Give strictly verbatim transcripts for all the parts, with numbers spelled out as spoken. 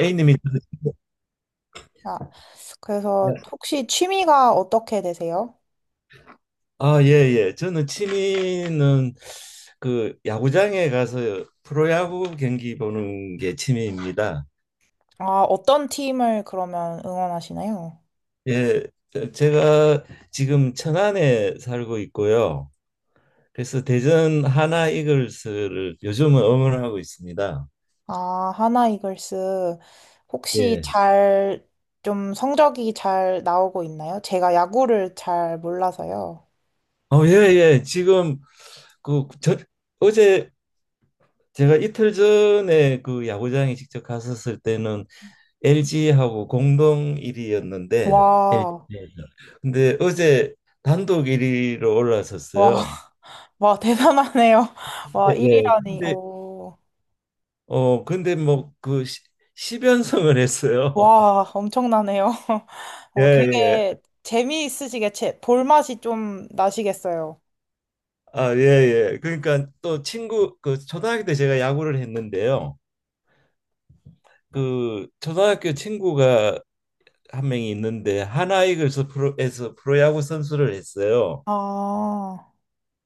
에이님이 아, 그래서 혹시 취미가 어떻게 되세요? 아, 예, 예. 저는 취미는 그 야구장에 가서 프로야구 경기 보는 게 취미입니다. 아, 어떤 팀을 그러면 응원하시나요? 예, 저- 제가 지금 천안에 살고 있고요. 그래서 대전 하나 이글스를 요즘은 응원하고 있습니다. 아, 하나 이글스 혹시 예. 잘 좀 성적이 잘 나오고 있나요? 제가 야구를 잘 몰라서요. 어, 예, 예. 지금 그 저, 어제 제가 이틀 전에 그 야구장에 직접 갔었을 때는 엘지하고 공동 일 위였는데 와, 엘지에서. 근데 어제 단독 일 위로 와, 올라섰어요. 와, 대단하네요. 와, 네, 네. 일 위라니. 근데 오, 어 근데 뭐 그 십 연승을 했어요. 와, 엄청나네요. 예, 어, 예. 되게 재미있으시게 제, 볼맛이 좀 나시겠어요. 아, 예, 예. 그러니까 또 친구 그 초등학교 때 제가 야구를 했는데요. 그 초등학교 친구가 한 명이 있는데 하나이글스 프로에서 프로야구 선수를 했어요. 아,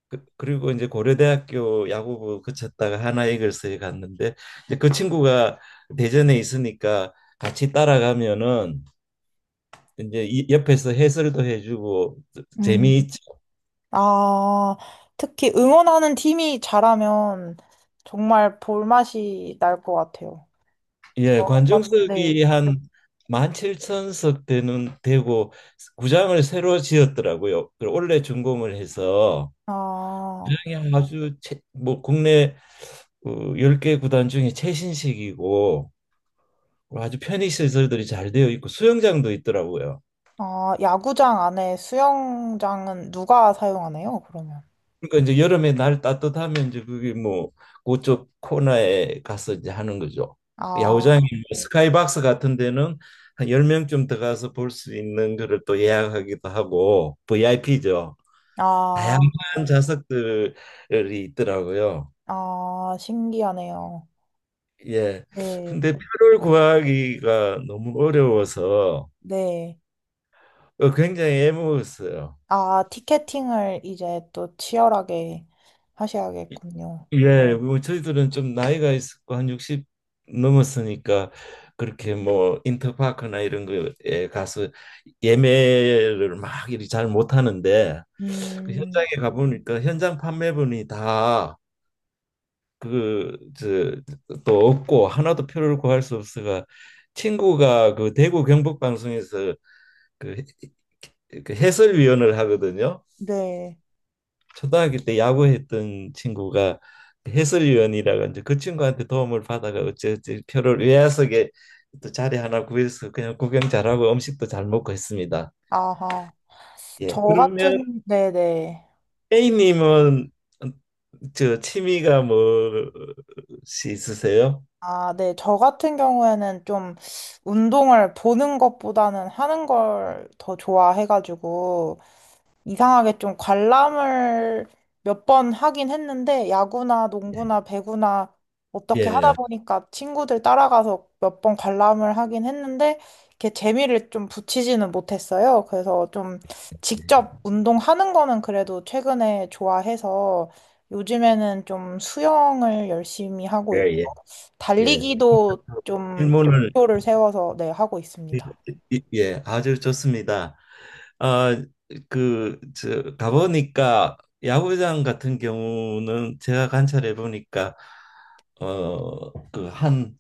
그- 그리고 이제 고려대학교 야구부 거쳤다가 하나이글스에 갔는데 이제 그 친구가 대전에 있으니까 같이 따라가면은 이제 이- 옆에서 해설도 해주고 음. 재미있죠. 아, 특히 응원하는 팀이 잘하면 정말 볼맛이 날 것 같아요. 예, 맞- 관중석이 네. 한 만 칠천 석 되는 되고 구장을 새로 지었더라고요. 그 원래 준공을 해서 아, 구장이 아주 최, 뭐 국내 그 열 10개 구단 중에 최신식이고 아주 편의 시설들이 잘 되어 있고 수영장도 있더라고요. 아, 야구장 안에 수영장은 누가 사용하나요, 그러면? 그러니까 이제 여름에 날 따뜻하면 이제 그게 뭐 그쪽 코너에 가서 이제 하는 거죠. 아, 야구장이 뭐 스카이박스 같은 데는 한 열 명쯤 들어가서 볼 수 있는 거를 또 예약하기도 하고 브이아이피죠. 아, 다양한 좌석들이 있더라고요. 아, 신기하네요. 예. 네, 근데 표를 구하기가 너무 어려워서 네. 어, 굉장히 애먹었어요. 아, 티켓팅을 이제 또 치열하게 하셔야겠군요. 예, 뭐 저희들은 좀 나이가 있고 한 육십 넘었으니까 그렇게 뭐 인터파크나 이런 거에 가서 예매를 막 이리 잘 못하는데 그 음, 현장에 가보니까 현장 판매분이 다 그 저 또 없고 하나도 표를 구할 수 없어가 친구가 그 대구 경북 방송에서 그 해- 그 해설위원을 하거든요. 네. 초등학교 때 야구했던 친구가 해설위원이라고 이제 그 친구한테 도움을 받아가 어찌어찌 표를 외야석에 또 자리 하나 구해서 그냥 구경 잘하고 음식도 잘 먹고 했습니다. 아하. 예. 저 그러면 같은, 네네. 에이님은 저 취미가 뭐시 있으세요? 아, 네. 저 같은 경우에는 좀 운동을 보는 것보다는 하는 걸 더 좋아해가지고, 이상하게 좀 관람을 몇 번 하긴 했는데, 야구나 농구나 배구나 어떻게 하다 예. 보니까 친구들 따라가서 몇 번 관람을 하긴 했는데, 이렇게 재미를 좀 붙이지는 못했어요. 그래서 좀 직접 운동하는 거는 그래도 최근에 좋아해서 요즘에는 좀 수영을 열심히 하고 있고, 예, 예, 예. 달리기도 좀 질문을 목표를 세워서 네, 하고 있습니다. 이- 예, 아주 좋습니다. 아, 그, 저, 가보니까 야구장 같은 경우는 제가 관찰해 보니까 어, 그 한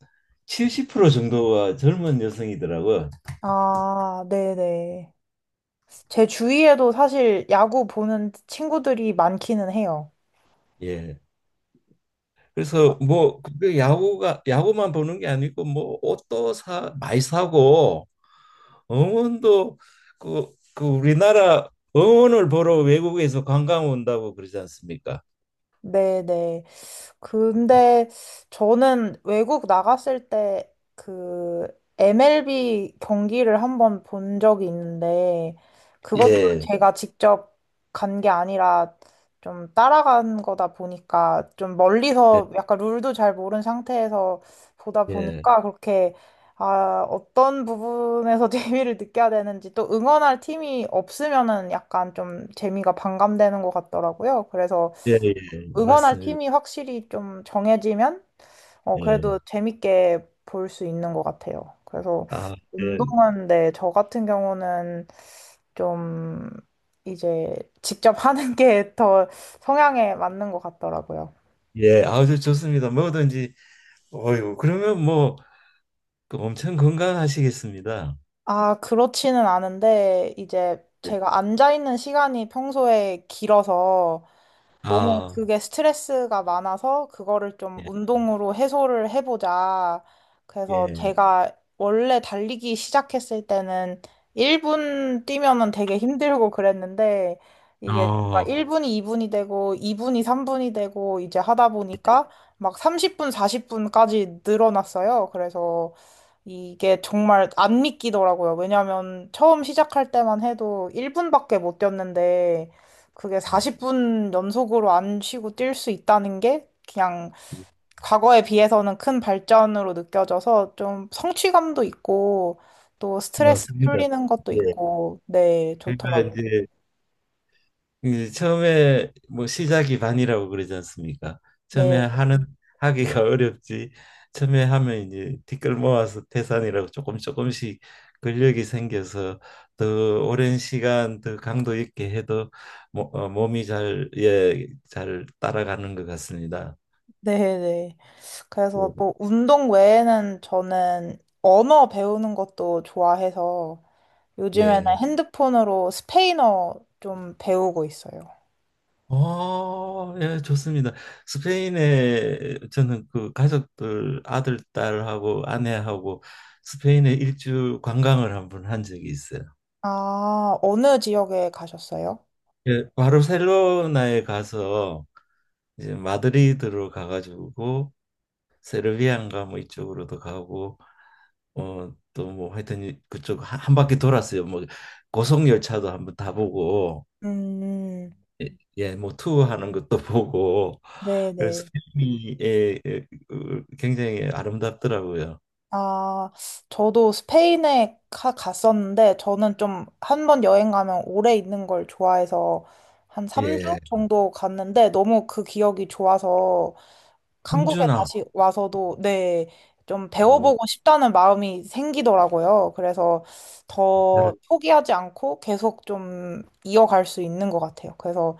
칠십 퍼센트 정도가 젊은 여성이더라고요. 아, 네네. 제 주위에도 사실 야구 보는 친구들이 많기는 해요. 예. 그래서 뭐 그 야구가 야구만 보는 게 아니고 뭐 옷도 사 많이 사고 응원도 그, 그 우리나라 응원을 보러 외국에서 관광 온다고 그러지 않습니까? 네네. 근데 저는 외국 나갔을 때 그 엠엘비 경기를 한번 본 적이 있는데 그것도 예. 제가 직접 간 게 아니라 좀 따라간 거다 보니까 좀 예. 멀리서 약간 룰도 잘 모르는 상태에서 보다 예. 보니까 그렇게 아, 어떤 부분에서 재미를 느껴야 되는지 또 응원할 팀이 없으면은 약간 좀 재미가 반감되는 것 같더라고요. 그래서 예, 예, 응원할 맞습니다. 팀이 확실히 좀 정해지면 어, 예. 그래도 재밌게 볼 수 있는 것 같아요. 그래서 아, 예, 운동은 네, 저 같은 경우는 좀 이제 직접 하는 게 더 성향에 맞는 것 같더라고요. 예, 아주 좋습니다. 뭐든지, 어유, 그러면 뭐, 그 엄청 건강하시겠습니다. 아, 그렇지는 않은데 이제 예. 제가 앉아 있는 시간이 평소에 길어서 너무 아, 그게 스트레스가 많아서 그거를 좀 예, 운동으로 해소를 해보자. 그래서 예, 제가 원래 달리기 시작했을 때는 일 분 뛰면은 되게 힘들고 그랬는데 이게 어, 일 분이 이 분이 되고 이 분이 삼 분이 되고 이제 하다 예, 보니까 막 삼십 분, 사십 분까지 늘어났어요. 그래서 이게 정말 안 믿기더라고요. 왜냐면 처음 시작할 때만 해도 일 분밖에 못 뛰었는데 그게 사십 분 연속으로 안 쉬고 뛸 수 있다는 게 그냥 예. 과거에 비해서는 큰 발전으로 느껴져서 좀 성취감도 있고 또 스트레스 맞습니다. 풀리는 것도 예, 있고 네, 그러니까 좋더라고요. 이제 예, 처음에 뭐 시작이 반이라고 그러지 않습니까? 처음에 네, 하는 음. 하기가 어렵지. 처음에 하면 이제 티끌 모아서 태산이라고 조금 조금씩 근력이 생겨서 더 오랜 시간 더 강도 있게 해도 모, 어, 몸이 잘, 예, 잘 따라가는 것 같습니다. 네, 네. 예. 그래서 뭐 운동 외에는 저는 언어 배우는 것도 좋아해서 요즘에는 예. 핸드폰으로 스페인어 좀 배우고 있어요. 어, 예, 좋습니다. 스페인에 저는 그 가족들 아들, 딸하고 아내하고 스페인에 일주 관광을 한 번 한 적이 있어요. 아, 어느 지역에 가셨어요? 예, 바르셀로나에 가서 이제 마드리드로 가가지고 세르비안가 뭐 이쪽으로도 가고 어, 또 뭐 하여튼 그쪽 한, 한 바퀴 돌았어요. 뭐 고속열차도 한번 타보고 음, 예, 뭐 투어하는 것도 보고 네, 그래서 네. 필름이 예, 예, 어, 굉장히 아름답더라고요. 아, 저도 스페인에 가, 갔었는데, 저는 좀 한 번 여행 가면 오래 있는 걸 좋아해서 한 삼 주 예, 정도 갔는데, 너무 그 기억이 좋아서 한국에 함준아, 다시 와서도 네, 좀 뭐 배워보고 싶다는 마음이 생기더라고요. 그래서 더 나를 포기하지 않고 계속 좀 이어갈 수 있는 것 같아요. 그래서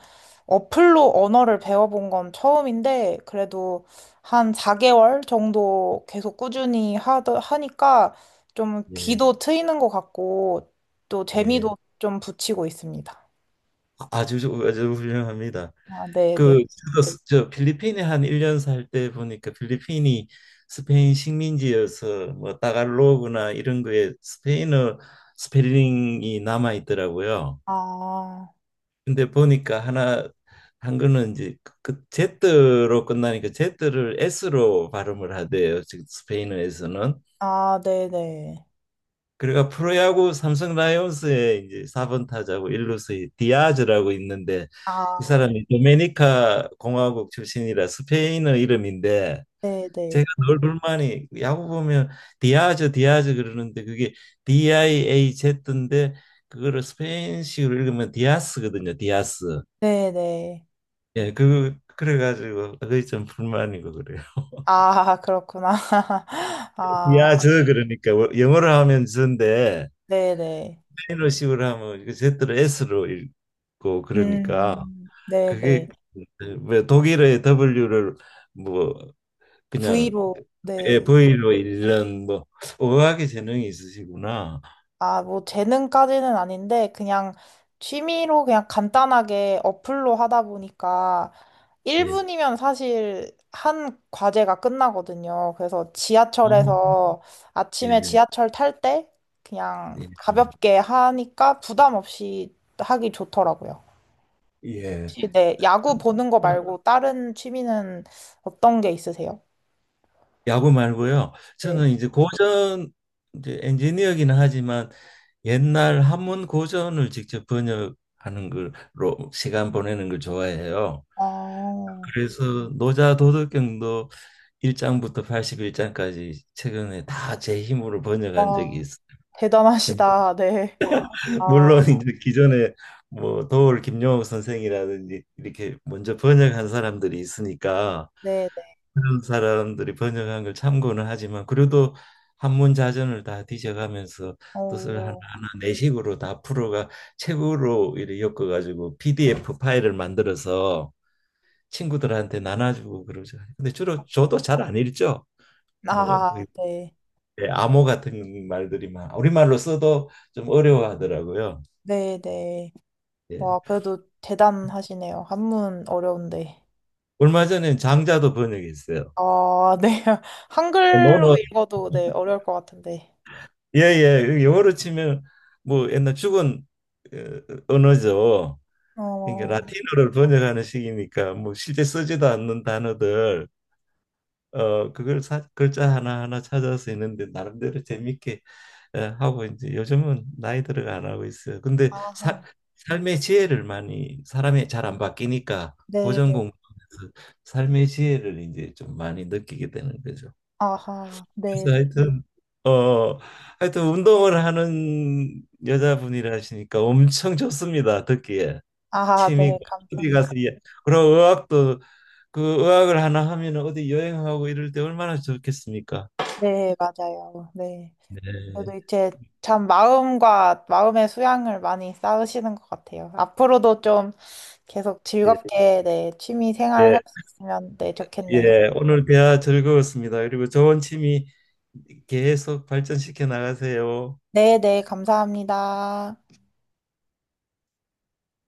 어플로 언어를 배워본 건 처음인데 그래도 한 사 개월 정도 계속 꾸준히 하더, 하니까 좀 예, 귀도 트이는 것 같고 또 예, 재미도 좀 붙이고 있습니다. 아주 아주 훌륭합니다. 아, 그 네네. 저도 스- 저 필리핀에 한 일 년 살 때 보니까 필리핀이 스페인 식민지여서 뭐 따갈로그나 이런 거에 스페인어 스펠링이 남아 있더라고요. 아, 근데 보니까 하나 한 거는 이제 그 제트로 끝나니까 제트를 에스로 발음을 하대요. 즉 스페인어에서는. 아, 네네. 그러니까 프로야구 삼성 라이온스의 이제 사 번 타자고 일루수의 디아즈라고 있는데 이 아, 사람이 도메니카 공화국 출신이라 스페인어 이름인데 제가 네네. 늘 불만이 야구 보면 디아즈 디아즈 그러는데 그게 디 아이 에이 제트인데 그거를 스페인식으로 읽으면 디아스거든요. 디아스. 네네. 예, 그 그래가지고 그게 좀 불만이고 그래요. 아, 그렇구나. 아, 야, 저 그러니까 뭐 영어로 하면 저인데 네네. 스페인어식으로 하면 이거 제트로 에스로 읽고 그러니까 음, 네네. 그게 왜 독일어의 더블유를 뭐 그냥 V로, 예, 네. 브이로 읽는 뭐 어학의 재능이 있으시구나. 아, 뭐, 재능까지는 아닌데, 그냥 취미로 그냥 간단하게 어플로 하다 보니까 예. 일 분이면 사실 한 과제가 끝나거든요. 그래서 어. 지하철에서 아침에 예. 지하철 탈 때 그냥 예. 가볍게 하니까 부담 없이 하기 좋더라고요. 예. 혹시 네, 야구 보는 거 예. 말고 다른 취미는 어떤 게 있으세요? 야구 말고요. 네. 저는 이제 고전 이제 엔지니어기는 하지만 옛날 한문 고전을 직접 번역하는 걸로 시간 보내는 걸 좋아해요. 아, 그래서 노자 도덕경도 일 장부터 팔십일 장까지 최근에 다 제 힘으로 번역한 적이 와, 있어요. 대단하시다. 네. 아, 물론 이제 기존에 뭐 도올 김용옥 선생이라든지 이렇게 먼저 번역한 사람들이 있으니까 네, 네. 그런 사람들이 번역한 걸 참고는 하지만 그래도 한문자전을 다 뒤져가면서 뜻을 오, 하나하나 내식으로 다 풀어가 책으로 이렇게 엮어가지고 피디에프 파일을 만들어서 친구들한테 나눠주고 그러죠. 근데 주로 저도 잘 안 읽죠. 뭐 아, 네. 예, 암호 같은 말들이 막 우리말로 써도 좀 어려워하더라고요. 네, 네. 예. 와, 그래도 대단하시네요. 한문 어려운데. 얼마 전에 장자도 번역했어요. 아, 네. 한글로 논어 읽어도 네, 어려울 것 같은데. 예예 영어로 치면 뭐 옛날 죽은 어, 언어죠. 그러니까 어, 라틴어를 번역하는 시기니까 뭐 실제 쓰지도 않는 단어들 어 그걸 사, 글자 하나하나 찾아서 했는데 나름대로 재밌게 어, 하고 이제 요즘은 나이 들어가 안 하고 있어요. 근데 사, 아하. 삶의 지혜를 많이 사람이 잘 안 바뀌니까 네, 고전 네. 공부하면서 삶의 지혜를 이제 좀 많이 느끼게 되는 거죠. 아하. 네, 그래서 네. 하여튼 어 하여튼 운동을 하는 여자분이라시니까 엄청 좋습니다. 듣기에. 아하, 취미가 네. 어디 감사합니다. 가서 예. 그고 의학도 그 의학을 하나 하면 어디 여행하고 이럴 때 얼마나 좋겠습니까? 네, 맞아요. 네. 저도 네. 이제 참 마음과 마음의 수양을 많이 쌓으시는 것 같아요. 앞으로도 좀 계속 예, 즐겁게 네, 취미 생활 할 예, 수 있으면 네, 좋겠네요. 예. 오늘 대화 즐거웠습니다. 그리고 좋은 취미 계속 발전시켜 나가세요. 네, 네, 감사합니다.